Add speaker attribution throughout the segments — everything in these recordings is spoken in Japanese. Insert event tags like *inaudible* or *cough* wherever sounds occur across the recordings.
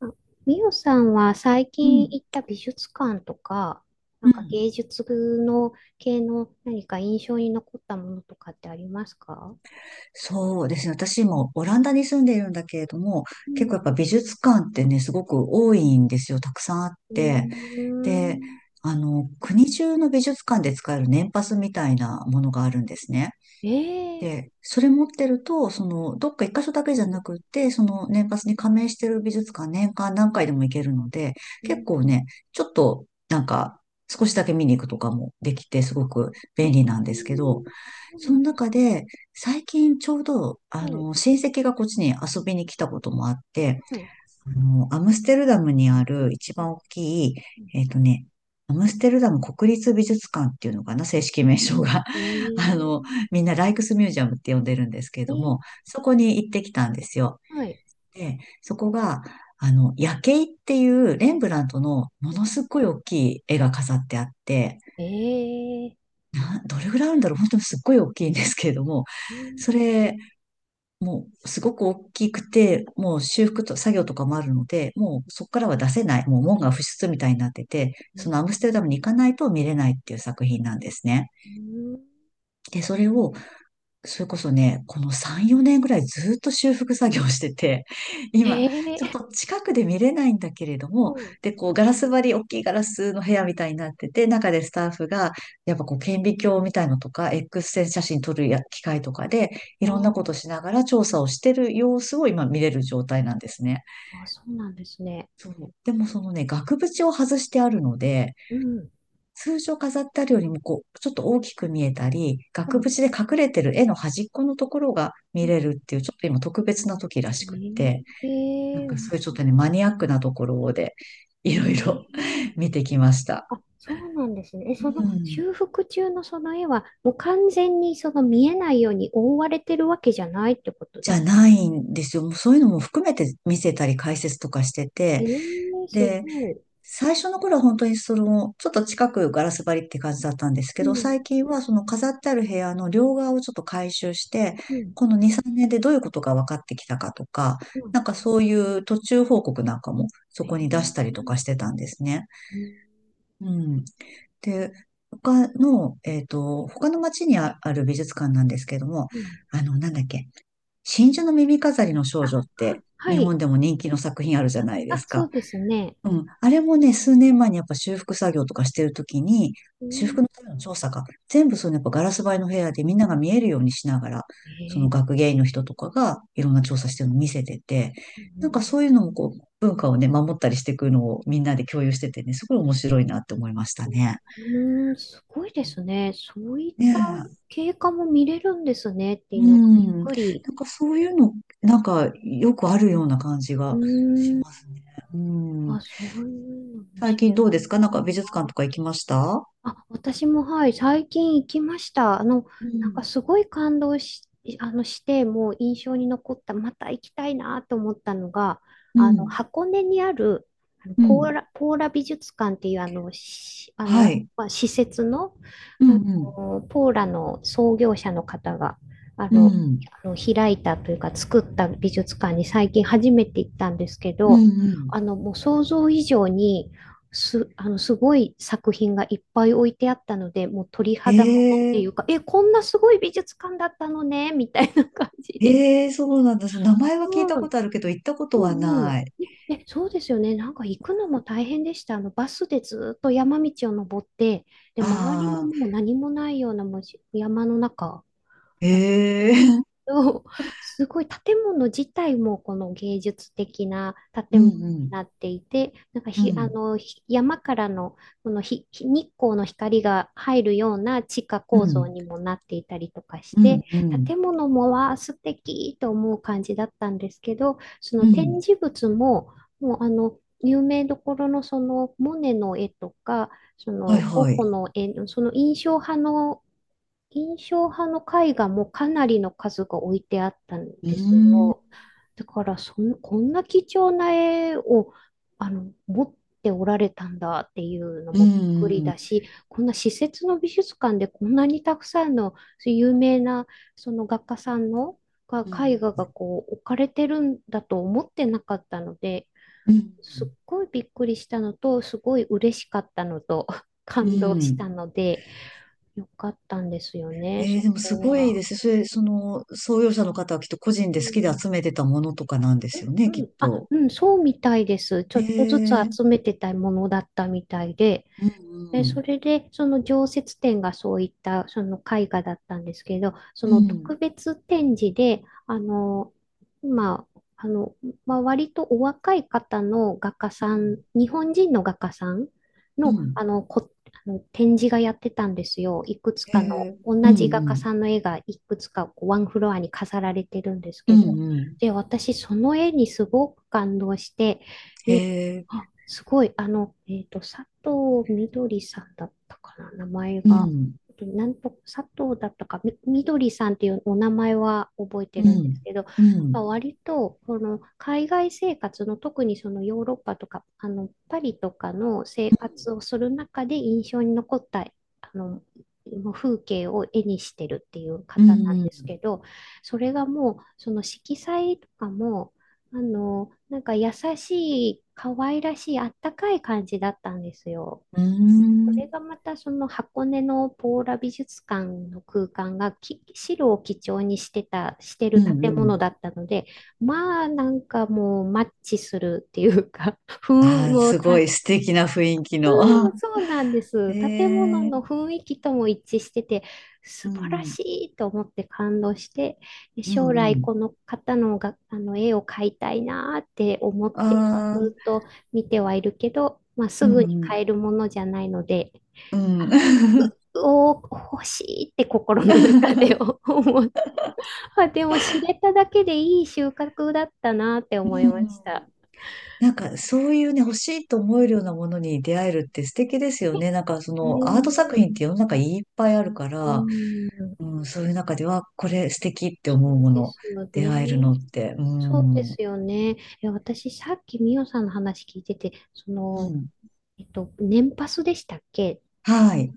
Speaker 1: あみよさんは最
Speaker 2: う
Speaker 1: 近
Speaker 2: ん。
Speaker 1: 行った美術館とか、な
Speaker 2: う
Speaker 1: んか
Speaker 2: ん。
Speaker 1: 芸術の系の何か印象に残ったものとかってありますか？
Speaker 2: そうですね。私もオランダに住んでいるんだけれども、
Speaker 1: う
Speaker 2: 結構やっ
Speaker 1: ん。
Speaker 2: ぱ美術館ってね、すごく
Speaker 1: うん、
Speaker 2: 多いんですよ。たくさんあっ
Speaker 1: う
Speaker 2: て。
Speaker 1: ー
Speaker 2: で、
Speaker 1: ん。
Speaker 2: 国中の美術館で使える年パスみたいなものがあるんですね。
Speaker 1: ええ、
Speaker 2: で、それ持ってると、どっか一箇所だけじゃなくって、その年パスに加盟してる美術館年間何回でも行けるので、
Speaker 1: う
Speaker 2: 結
Speaker 1: ん、
Speaker 2: 構ね、ちょっと、なんか、少しだけ見に行くとかもできて、すごく便
Speaker 1: え
Speaker 2: 利なんですけ
Speaker 1: え、
Speaker 2: ど、
Speaker 1: そう
Speaker 2: そ
Speaker 1: な
Speaker 2: の
Speaker 1: んで
Speaker 2: 中
Speaker 1: す。
Speaker 2: で、最近ちょうど、
Speaker 1: はい。
Speaker 2: 親戚がこっちに遊びに来たこともあって、
Speaker 1: はい。
Speaker 2: アムステルダムにあ
Speaker 1: うん、
Speaker 2: る一
Speaker 1: うん、
Speaker 2: 番大きい、
Speaker 1: うん、
Speaker 2: えっとね、アムステルダム国立美術館っていうのかな、正式名称が。
Speaker 1: え
Speaker 2: *laughs* あの、
Speaker 1: え、
Speaker 2: みんなライクスミュージアムって呼んでるんですけれど
Speaker 1: え
Speaker 2: も、
Speaker 1: え、
Speaker 2: そこに行ってきたんですよ。
Speaker 1: はい。
Speaker 2: で、そこが、夜景っていうレンブラントのものすごい大きい絵が飾ってあって、
Speaker 1: ええ、ええ、
Speaker 2: どれぐらいあるんだろう、本当にすっごい大きいんですけれども、
Speaker 1: え
Speaker 2: それ、もうすごく大きくて、もう修復と作業とかもあるので、もうそこからは出せない、もう門が
Speaker 1: え、
Speaker 2: 不出みたいになってて、その
Speaker 1: う
Speaker 2: アムステルダムに行かないと見れないっていう作品なんですね。
Speaker 1: ん、
Speaker 2: で、それをそれこそね、この3、4年ぐらいずっと修復作業してて、*laughs*
Speaker 1: え
Speaker 2: 今、ちょっ
Speaker 1: え、
Speaker 2: と近くで見れないんだけれど
Speaker 1: は
Speaker 2: も、
Speaker 1: い。
Speaker 2: で、こう、ガラス張り、大きいガラスの部屋みたいになってて、中でスタッフが、やっぱこう、顕微鏡みたいのとか、X 線写真撮るや機械とかで、いろんな
Speaker 1: あ
Speaker 2: ことしながら調査をしてる様子を今見れる状態なんですね。
Speaker 1: あ、そうなんですね。
Speaker 2: そう。でもそのね、額縁を外してあるので、
Speaker 1: うん。
Speaker 2: 通常飾ってあるよりも、こう、ちょっと大きく見えたり、
Speaker 1: う
Speaker 2: 額
Speaker 1: ん。
Speaker 2: 縁で隠れてる絵の端っこのところが
Speaker 1: う
Speaker 2: 見
Speaker 1: ん、
Speaker 2: れるっていう、ちょっと今特別な時らしくって、
Speaker 1: え
Speaker 2: な
Speaker 1: え
Speaker 2: ん
Speaker 1: ー、
Speaker 2: か
Speaker 1: 面
Speaker 2: そういうちょっとね、
Speaker 1: 白
Speaker 2: マ
Speaker 1: い。
Speaker 2: ニアックなところで、いろいろ
Speaker 1: ええ、
Speaker 2: *laughs* 見てきました。
Speaker 1: あ、そうなんですね。え、
Speaker 2: う
Speaker 1: その
Speaker 2: ん。
Speaker 1: 修復中のその絵は、もう完全にその見えないように覆われてるわけじゃないってこと
Speaker 2: じ
Speaker 1: で
Speaker 2: ゃ
Speaker 1: すか？
Speaker 2: ないんですよ。もうそういうのも含めて見せたり解説とかして
Speaker 1: え
Speaker 2: て、
Speaker 1: えー、すごい。
Speaker 2: 最初の頃は本当にその、ちょっと近くガラス張りって感じだったんですけ
Speaker 1: う
Speaker 2: ど、
Speaker 1: ん、
Speaker 2: 最近はその飾ってある部屋の両側をちょっと改修して、
Speaker 1: うん、
Speaker 2: この2、3年でどういうことが分かってきたかとか、
Speaker 1: うん。
Speaker 2: なんかそういう途中報告なんかもそ
Speaker 1: え
Speaker 2: こに出したりと
Speaker 1: ー、
Speaker 2: かしてたんですね。
Speaker 1: うん、
Speaker 2: うん。で、他の、えっと、他の町にある美術館なんですけども、
Speaker 1: うん、
Speaker 2: なんだっけ、真珠の耳飾りの少
Speaker 1: あ、
Speaker 2: 女っ
Speaker 1: は、
Speaker 2: て
Speaker 1: は
Speaker 2: 日
Speaker 1: い。
Speaker 2: 本でも人気の作品あるじゃないで
Speaker 1: あ、
Speaker 2: す
Speaker 1: そ
Speaker 2: か。
Speaker 1: うですね。
Speaker 2: うん。あれもね、数年前にやっぱ修復作業とかしてるときに、
Speaker 1: う
Speaker 2: 修
Speaker 1: ん、
Speaker 2: 復のための調査か、全部そのやっぱガラス張りの部屋でみんなが見えるようにしながら、
Speaker 1: え
Speaker 2: そ
Speaker 1: え
Speaker 2: の
Speaker 1: ー。
Speaker 2: 学芸員の人とかがいろんな調査してるのを見せてて、
Speaker 1: う
Speaker 2: なんか
Speaker 1: ん、
Speaker 2: そういうのもこう、文化をね、守ったりしていくのをみんなで共有しててね、すごい面白いなって思いましたね。
Speaker 1: うーん、すごいですね。そういっ
Speaker 2: ね
Speaker 1: た
Speaker 2: え。
Speaker 1: 経過も見れるんですねって
Speaker 2: う
Speaker 1: いうのがびっ
Speaker 2: ん。な
Speaker 1: くり。
Speaker 2: んかそういうの、なんかよくあるような感じ
Speaker 1: うー
Speaker 2: がし
Speaker 1: ん、
Speaker 2: ますね。う
Speaker 1: あ、
Speaker 2: ん。
Speaker 1: そういうのも
Speaker 2: 最
Speaker 1: しい。
Speaker 2: 近どうですか？なんか美術館とか行きました？
Speaker 1: あ、私もはい、最近行きました。
Speaker 2: う
Speaker 1: なんか
Speaker 2: ん
Speaker 1: すごい感動し、あの、して、もう印象に残った、また行きたいなと思ったのが、
Speaker 2: うん、
Speaker 1: 箱根にある、
Speaker 2: う
Speaker 1: ポー
Speaker 2: ん、
Speaker 1: ラ、ポーラ美術館っていう、あの、しあの、
Speaker 2: は
Speaker 1: わ
Speaker 2: い。
Speaker 1: わ施設の、
Speaker 2: うん、
Speaker 1: あ
Speaker 2: うん、
Speaker 1: ポーラの創業者の方が、あ
Speaker 2: う
Speaker 1: の、
Speaker 2: ん、
Speaker 1: 開いたというか、作った美術館に最近初めて行ったんですけ
Speaker 2: うん、
Speaker 1: ど、
Speaker 2: うん。
Speaker 1: もう想像以上に、す、あの、すごい作品がいっぱい置いてあったので、もう鳥
Speaker 2: へ
Speaker 1: 肌ものって
Speaker 2: え、
Speaker 1: いうか、え、こんなすごい美術館だったのね、みたいな感じで。
Speaker 2: へえ、そうなんだ。その名前は聞いた
Speaker 1: う
Speaker 2: こ
Speaker 1: ん、
Speaker 2: とあるけど、行ったこと
Speaker 1: う
Speaker 2: は
Speaker 1: ん、うん。
Speaker 2: ない。
Speaker 1: えそうですよね。なんか行くのも大変でした。バスでずっと山道を登って、で、周りも
Speaker 2: ああ、
Speaker 1: もう何もないようなもうし山の中、
Speaker 2: へえ、*laughs*
Speaker 1: そう、すごい建物自体もこの芸術的な
Speaker 2: う
Speaker 1: 建物に
Speaker 2: ん、うん、
Speaker 1: なっていて、なんか
Speaker 2: う
Speaker 1: ひ、あ
Speaker 2: ん、
Speaker 1: の、ひ山からのこの日光の光が入るような地下
Speaker 2: う
Speaker 1: 構造
Speaker 2: ん、
Speaker 1: にもなっていたりとかし
Speaker 2: うん、
Speaker 1: て、
Speaker 2: うん、
Speaker 1: 建物もは素敵と思う感じだったんですけど、そ
Speaker 2: う
Speaker 1: の展
Speaker 2: ん、
Speaker 1: 示物も、もう有名どころのそのモネの絵とか、そ
Speaker 2: はい、
Speaker 1: のゴッ
Speaker 2: は
Speaker 1: ホ
Speaker 2: い。
Speaker 1: の絵の、その印象派の絵画もかなりの数が置いてあったん
Speaker 2: うー
Speaker 1: です
Speaker 2: ん、
Speaker 1: よ。だからその、こんな貴重な絵を持っておられたんだっていうの
Speaker 2: う
Speaker 1: もびっくり
Speaker 2: ん、
Speaker 1: だし、こんな施設の美術館でこんなにたくさんのそういう有名なその画家さんのが
Speaker 2: う
Speaker 1: 絵
Speaker 2: ん、
Speaker 1: 画がこう置かれてるんだと思ってなかったので、
Speaker 2: うん、
Speaker 1: すっごいびっくりしたのと、すごい嬉しかったのと、*laughs*
Speaker 2: う
Speaker 1: 感動し
Speaker 2: ん。
Speaker 1: たので。よかったんですよね、
Speaker 2: えー、
Speaker 1: そ
Speaker 2: でもす
Speaker 1: こ
Speaker 2: ごい
Speaker 1: は。
Speaker 2: ですね。それ、その、創業者の方はきっと個人
Speaker 1: う
Speaker 2: で好きで
Speaker 1: ん。
Speaker 2: 集めてたものとかなんで
Speaker 1: う
Speaker 2: すよね、き
Speaker 1: ん、う
Speaker 2: っ
Speaker 1: ん。あ、
Speaker 2: と。
Speaker 1: うん、そうみたいです。ち
Speaker 2: へ
Speaker 1: ょっとずつ
Speaker 2: えー、
Speaker 1: 集めてたものだったみたいで、
Speaker 2: うん、
Speaker 1: で、
Speaker 2: う
Speaker 1: そ
Speaker 2: ん。
Speaker 1: れで、その常設展がそういった、その絵画だったんですけど、そ
Speaker 2: う
Speaker 1: の
Speaker 2: ん、
Speaker 1: 特別展示で、まあ、まあ、割とお若い方の画家さ
Speaker 2: う
Speaker 1: ん、
Speaker 2: ん、
Speaker 1: 日本人の画家さん
Speaker 2: う
Speaker 1: の、
Speaker 2: ん、
Speaker 1: あの展示がやってたんですよ。いくつ
Speaker 2: へ
Speaker 1: かの、
Speaker 2: え、
Speaker 1: 同
Speaker 2: うん、
Speaker 1: じ画
Speaker 2: う
Speaker 1: 家
Speaker 2: ん、
Speaker 1: さんの絵がいくつかこうワンフロアに飾られてるんです
Speaker 2: う
Speaker 1: け
Speaker 2: ん
Speaker 1: ど。
Speaker 2: うん、
Speaker 1: で、私、その絵にすごく感動して、
Speaker 2: へ
Speaker 1: で、
Speaker 2: え、
Speaker 1: あ、すごい。佐藤みどりさんだったかな、名前
Speaker 2: う
Speaker 1: が。
Speaker 2: ん、
Speaker 1: なんと、佐藤だったか、みどりさんっていうお名前は覚え
Speaker 2: う
Speaker 1: てるんで
Speaker 2: ん、
Speaker 1: すけど、
Speaker 2: うん、
Speaker 1: 割と、この海外生活の、特にそのヨーロッパとか、パリとかの生活をする中で印象に残った、の、風景を絵にしてるっていう
Speaker 2: う
Speaker 1: 方なん
Speaker 2: ん、う
Speaker 1: です
Speaker 2: ん、
Speaker 1: けど、それがもう、その色彩とかも、なんか優しい、可愛らしい、あったかい感じだったんですよ。
Speaker 2: うー
Speaker 1: それ
Speaker 2: ん、
Speaker 1: がまたその箱根のポーラ美術館の空間が白を基調にしてた、して
Speaker 2: う
Speaker 1: る
Speaker 2: ん、
Speaker 1: 建
Speaker 2: う
Speaker 1: 物
Speaker 2: ん、
Speaker 1: だったので、まあなんかもうマッチするっていうか、*laughs* 雰囲気
Speaker 2: ああ、
Speaker 1: も
Speaker 2: すご
Speaker 1: た。
Speaker 2: い素敵な雰囲気の。
Speaker 1: う
Speaker 2: あ
Speaker 1: ん、そうなんで
Speaker 2: へ
Speaker 1: す。建物
Speaker 2: え、
Speaker 1: の雰囲気とも一致してて、
Speaker 2: う
Speaker 1: 素晴ら
Speaker 2: ん、
Speaker 1: しいと思って感動して、で
Speaker 2: うん、う
Speaker 1: 将
Speaker 2: んう
Speaker 1: 来
Speaker 2: ん、
Speaker 1: この方のが、あの絵を描いたいなーって思って、
Speaker 2: あ
Speaker 1: ずっ
Speaker 2: あ、
Speaker 1: と見てはいるけど、まあ、す
Speaker 2: うんう
Speaker 1: ぐに
Speaker 2: ん、
Speaker 1: 買えるものじゃないので、
Speaker 2: うん。
Speaker 1: う、お欲しいって心の中で
Speaker 2: *laughs*
Speaker 1: *laughs* 思う。あ、でも知れただけでいい収穫だったなって
Speaker 2: う
Speaker 1: 思いました。
Speaker 2: ん、なんかそういうね、欲しいと思えるようなものに出会えるって素敵ですよね。なんかそ
Speaker 1: ね
Speaker 2: のアート作
Speaker 1: え、
Speaker 2: 品って世の中いっぱいあるか
Speaker 1: う
Speaker 2: ら、
Speaker 1: ん、
Speaker 2: うん、そういう中では、これ素敵って
Speaker 1: そ
Speaker 2: 思う
Speaker 1: う
Speaker 2: も
Speaker 1: で
Speaker 2: の、
Speaker 1: すよ
Speaker 2: 出会えるの
Speaker 1: ね。
Speaker 2: って、う
Speaker 1: そうで
Speaker 2: ん、う
Speaker 1: すよね。え、私、さっきみオさんの話聞いてて、
Speaker 2: ん、
Speaker 1: 年パスでしたっけ？
Speaker 2: はい。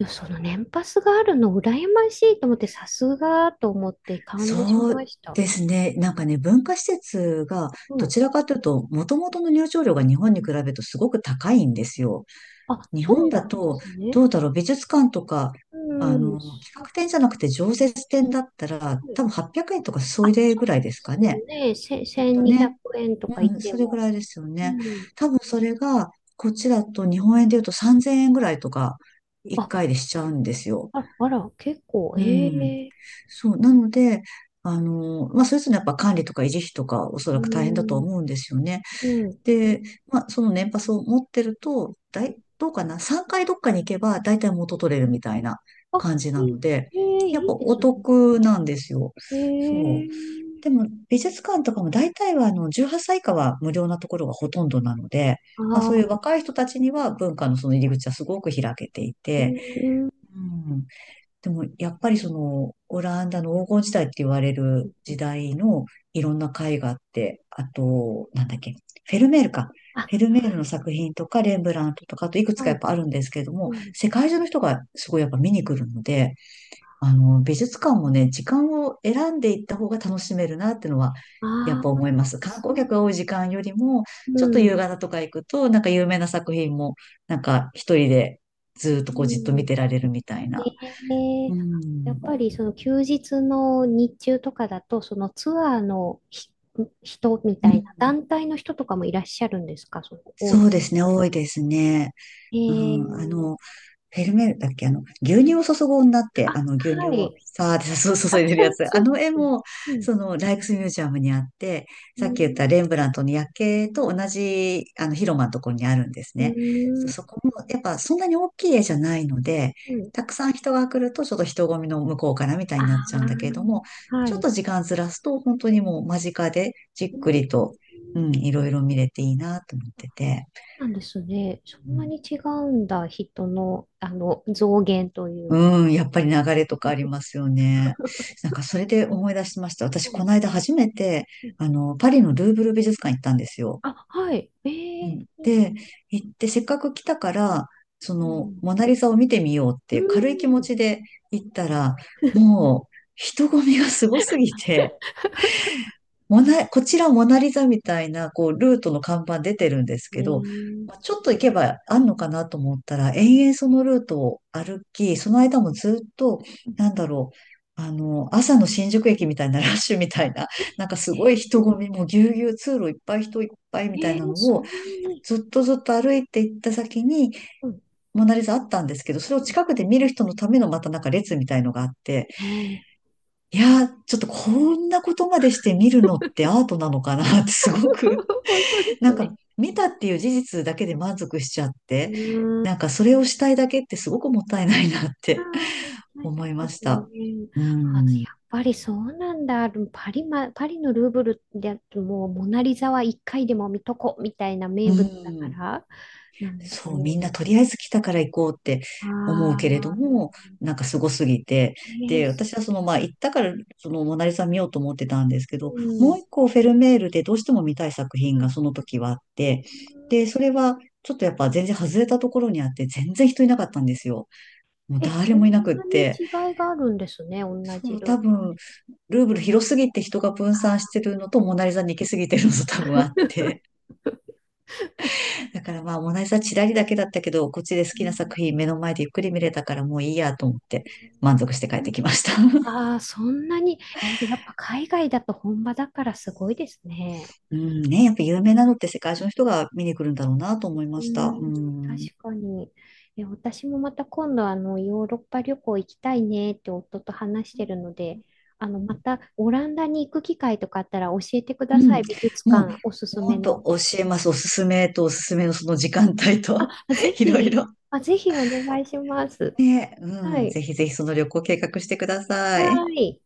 Speaker 1: いや、その年パスがあるの羨ましいと思って、さすがと思って感動し
Speaker 2: そう
Speaker 1: ました。
Speaker 2: ですね。なんかね、文化施設が、
Speaker 1: は
Speaker 2: ど
Speaker 1: い。
Speaker 2: ちらかというと、もともとの入場料が日本に比べるとすごく高いんですよ。
Speaker 1: あ、
Speaker 2: 日
Speaker 1: そ
Speaker 2: 本
Speaker 1: う
Speaker 2: だ
Speaker 1: なんで
Speaker 2: と、
Speaker 1: すね。
Speaker 2: どうだろう、美術館とか、
Speaker 1: うん、
Speaker 2: 企
Speaker 1: す
Speaker 2: 画展じゃなくて常設展だったら、
Speaker 1: ごい。
Speaker 2: 多分800円とかそ
Speaker 1: あ、
Speaker 2: れぐらいですか
Speaker 1: そ
Speaker 2: ね。
Speaker 1: うですね。
Speaker 2: きっと
Speaker 1: 1200
Speaker 2: ね。
Speaker 1: 円とか言っ
Speaker 2: うん、
Speaker 1: て
Speaker 2: それぐ
Speaker 1: も。
Speaker 2: らいですよ
Speaker 1: う
Speaker 2: ね。
Speaker 1: ん。
Speaker 2: 多分それが、こっちだと日本円で言うと3000円ぐらいとか、1
Speaker 1: あ、
Speaker 2: 回でしちゃうんですよ。
Speaker 1: あら、あら、結構、
Speaker 2: う
Speaker 1: え
Speaker 2: ん。
Speaker 1: え、
Speaker 2: そう。なので、それぞれやっぱ管理とか維持費とか、おそ
Speaker 1: う
Speaker 2: らく大変だとは
Speaker 1: ん、
Speaker 2: 思うんですよね。
Speaker 1: うん。
Speaker 2: で、まあ、その年パスを持ってると、どうかな？ 3 回どっかに行けば、だいたい元取れるみたいな
Speaker 1: あ、
Speaker 2: 感じな
Speaker 1: い
Speaker 2: ので、
Speaker 1: い、ええ、
Speaker 2: やっ
Speaker 1: い
Speaker 2: ぱ
Speaker 1: いで
Speaker 2: お
Speaker 1: すね。
Speaker 2: 得なんですよ。そ
Speaker 1: ええ、
Speaker 2: う。でも、美術館とかも大体は、18歳以下は無料なところがほとんどなので、
Speaker 1: あ
Speaker 2: まあ、そう
Speaker 1: あ、
Speaker 2: いう
Speaker 1: う
Speaker 2: 若い人たちには文化のその入り口はすごく開けてい
Speaker 1: ん、
Speaker 2: て、
Speaker 1: うん、
Speaker 2: うん。でも、やっぱりその、オランダの黄金時代って言われ
Speaker 1: う
Speaker 2: る時
Speaker 1: ん、
Speaker 2: 代のいろんな絵画って、あと、なんだっけ、フェルメールか。
Speaker 1: あ、
Speaker 2: フェルメールの作品とか、レンブラントとか、あといくつか
Speaker 1: は
Speaker 2: やっ
Speaker 1: い、
Speaker 2: ぱあるんですけれど
Speaker 1: う
Speaker 2: も、
Speaker 1: ん、
Speaker 2: 世界中の人がすごいやっぱ見に来るので、美術館もね、時間を選んでいった方が楽しめるなってのは、やっ
Speaker 1: あ
Speaker 2: ぱ
Speaker 1: あ、
Speaker 2: 思います。観
Speaker 1: そ
Speaker 2: 光
Speaker 1: うな
Speaker 2: 客が
Speaker 1: の、
Speaker 2: 多い時間よりも、
Speaker 1: う
Speaker 2: ちょっと
Speaker 1: ん、
Speaker 2: 夕方とか行くと、なんか有名な作品も、なんか一人で
Speaker 1: う
Speaker 2: ずっとこうじっと見
Speaker 1: ん、
Speaker 2: てられるみたいな。
Speaker 1: で、
Speaker 2: う
Speaker 1: やっ
Speaker 2: ん。
Speaker 1: ぱりその休日の日中とかだと、そのツアーの人み
Speaker 2: う
Speaker 1: たいな、
Speaker 2: ん
Speaker 1: 団体の人とかもいらっしゃるんですか、
Speaker 2: そうですね、多いですね。
Speaker 1: え
Speaker 2: うん、
Speaker 1: ー、
Speaker 2: フェルメールだっけ牛乳を注ぐ女って、
Speaker 1: あ、
Speaker 2: 牛乳
Speaker 1: は
Speaker 2: を
Speaker 1: い、
Speaker 2: さーって
Speaker 1: あ、
Speaker 2: 注
Speaker 1: あ
Speaker 2: いでるやつ。
Speaker 1: そ
Speaker 2: あ
Speaker 1: う
Speaker 2: の
Speaker 1: で
Speaker 2: 絵
Speaker 1: すね、
Speaker 2: も、
Speaker 1: うん、
Speaker 2: その、ライクスミュージアムにあって、
Speaker 1: う
Speaker 2: さっき言った
Speaker 1: ん、
Speaker 2: レンブラントの夜景と同じ、広間のところにあるんです
Speaker 1: う
Speaker 2: ね。
Speaker 1: ん、
Speaker 2: そこも、やっぱそんなに大きい絵じゃないので、
Speaker 1: うん、
Speaker 2: たくさん人が来ると、ちょっと人混みの向こうからみたいになっ
Speaker 1: あ
Speaker 2: ち
Speaker 1: あ
Speaker 2: ゃうんだけれども、
Speaker 1: ー、は
Speaker 2: ちょっ
Speaker 1: い、
Speaker 2: と時間ずらすと、本当にもう間近でじ
Speaker 1: う
Speaker 2: っく
Speaker 1: ん、
Speaker 2: りと、うん、いろいろ見れていいなと思ってて。
Speaker 1: なんですね。そんなに違うんだ、人の、増減という。
Speaker 2: うん、やっぱり流れとかありますよね。
Speaker 1: *laughs*
Speaker 2: なんかそれで思い出しました。
Speaker 1: う
Speaker 2: 私、こ
Speaker 1: ん、
Speaker 2: の間初めて、
Speaker 1: うん、
Speaker 2: パリのルーブル美術館行ったんですよ。
Speaker 1: あ、はい。え
Speaker 2: うん、
Speaker 1: ー、
Speaker 2: で、行って、せっかく来たから、そ
Speaker 1: う
Speaker 2: の、
Speaker 1: ん。
Speaker 2: モナリザを見てみようっ
Speaker 1: う
Speaker 2: ていう軽い気持
Speaker 1: ん。
Speaker 2: ちで行ったら、もう、人混みがすごすぎて、こちらモナリザみたいな、こう、ルートの看板出てるんです
Speaker 1: え
Speaker 2: けど、
Speaker 1: ー、
Speaker 2: まあ、ちょっと行けばあんのかなと思ったら、延々そのルートを歩き、その間もずっと、なんだろう、朝の新宿駅みたいなラッシュみたいな、
Speaker 1: え、
Speaker 2: *laughs* なんかすごい
Speaker 1: えー、
Speaker 2: 人混みもぎゅうぎゅう通路いっぱい人いっぱい
Speaker 1: え
Speaker 2: みたいな
Speaker 1: ー
Speaker 2: の
Speaker 1: そ
Speaker 2: を、
Speaker 1: んなに。
Speaker 2: ずっとずっと歩いて行った先に、
Speaker 1: うん、
Speaker 2: モナリザあったんですけど、それを
Speaker 1: うん。
Speaker 2: 近くで見る人のためのまたなんか列みたいのがあって、
Speaker 1: えー、
Speaker 2: いやー、ちょっとこんなことまでして見るのってアートなのかなって *laughs* すごく、
Speaker 1: *laughs* 本当で
Speaker 2: な
Speaker 1: す
Speaker 2: んか
Speaker 1: ね。
Speaker 2: 見たっていう事実だけで満足しちゃっ
Speaker 1: う
Speaker 2: て、
Speaker 1: ー
Speaker 2: なん
Speaker 1: ん。
Speaker 2: かそれをしたいだけってすごくもったいないなっ
Speaker 1: あ
Speaker 2: て
Speaker 1: あ、もったいな
Speaker 2: 思い
Speaker 1: いで
Speaker 2: まし
Speaker 1: す
Speaker 2: た。
Speaker 1: ね。
Speaker 2: う
Speaker 1: あ、やっ
Speaker 2: ん。
Speaker 1: ぱりそうなんだ。でもパリのルーブルでもうモナリザは一回でも見とこみたいな
Speaker 2: う
Speaker 1: 名物だか
Speaker 2: ん。
Speaker 1: らなんですか
Speaker 2: そう、みんな
Speaker 1: ね？
Speaker 2: とりあえず来たから行こうって思う
Speaker 1: ああ、
Speaker 2: けれども、なんかすごすぎて。
Speaker 1: えー、
Speaker 2: で、
Speaker 1: そ
Speaker 2: 私はその、まあ、行ったから、その、モナリザ見ようと思ってたんですけ
Speaker 1: う
Speaker 2: ど、もう
Speaker 1: ん。
Speaker 2: 一個フェルメールでどうしても見たい作品
Speaker 1: うん、は
Speaker 2: が
Speaker 1: い、
Speaker 2: その時はあって、で、それは、ちょっとやっぱ全然外れたところにあって、全然人いなかったんですよ。もう
Speaker 1: え、
Speaker 2: 誰
Speaker 1: そん
Speaker 2: もいなくっ
Speaker 1: なに
Speaker 2: て。
Speaker 1: 違いがあるんですね。同
Speaker 2: そ
Speaker 1: じ
Speaker 2: う、
Speaker 1: ルー
Speaker 2: 多
Speaker 1: ブル。
Speaker 2: 分、ルーブル広すぎて人が分
Speaker 1: あ
Speaker 2: 散してるのと、
Speaker 1: ー
Speaker 2: モナリザに行きすぎてるのと多分あって。
Speaker 1: *laughs*
Speaker 2: だからまあ、モナリザチラリだけだったけど、こっちで好
Speaker 1: う
Speaker 2: きな作
Speaker 1: ん、
Speaker 2: 品目の前でゆっくり見れたからもういいやと思って満足して帰ってきました。*laughs*
Speaker 1: あー、そんなに、え、やっぱ海外だと本場だからすごいですね。
Speaker 2: うんね、やっぱ有名なのって世界中の人が見に来るんだろうなと思いま
Speaker 1: う
Speaker 2: した。
Speaker 1: ん、
Speaker 2: うん。
Speaker 1: 確かに。え、私もまた今度あのヨーロッパ旅行行きたいねって夫と話してるので、またオランダに行く機会とかあったら教えてく
Speaker 2: う
Speaker 1: ださ
Speaker 2: ん。
Speaker 1: い。美術
Speaker 2: もう、
Speaker 1: 館おすす
Speaker 2: ほ
Speaker 1: め
Speaker 2: んと
Speaker 1: の。
Speaker 2: 教えます。おすすめとおすすめのその時間帯と、
Speaker 1: あ、ぜ
Speaker 2: *laughs* いろい
Speaker 1: ひ、
Speaker 2: ろ。
Speaker 1: あ、ぜひお願いします。
Speaker 2: ね、
Speaker 1: は
Speaker 2: うん。
Speaker 1: い。
Speaker 2: ぜひぜひその旅行計画してくださ
Speaker 1: は
Speaker 2: い。
Speaker 1: い。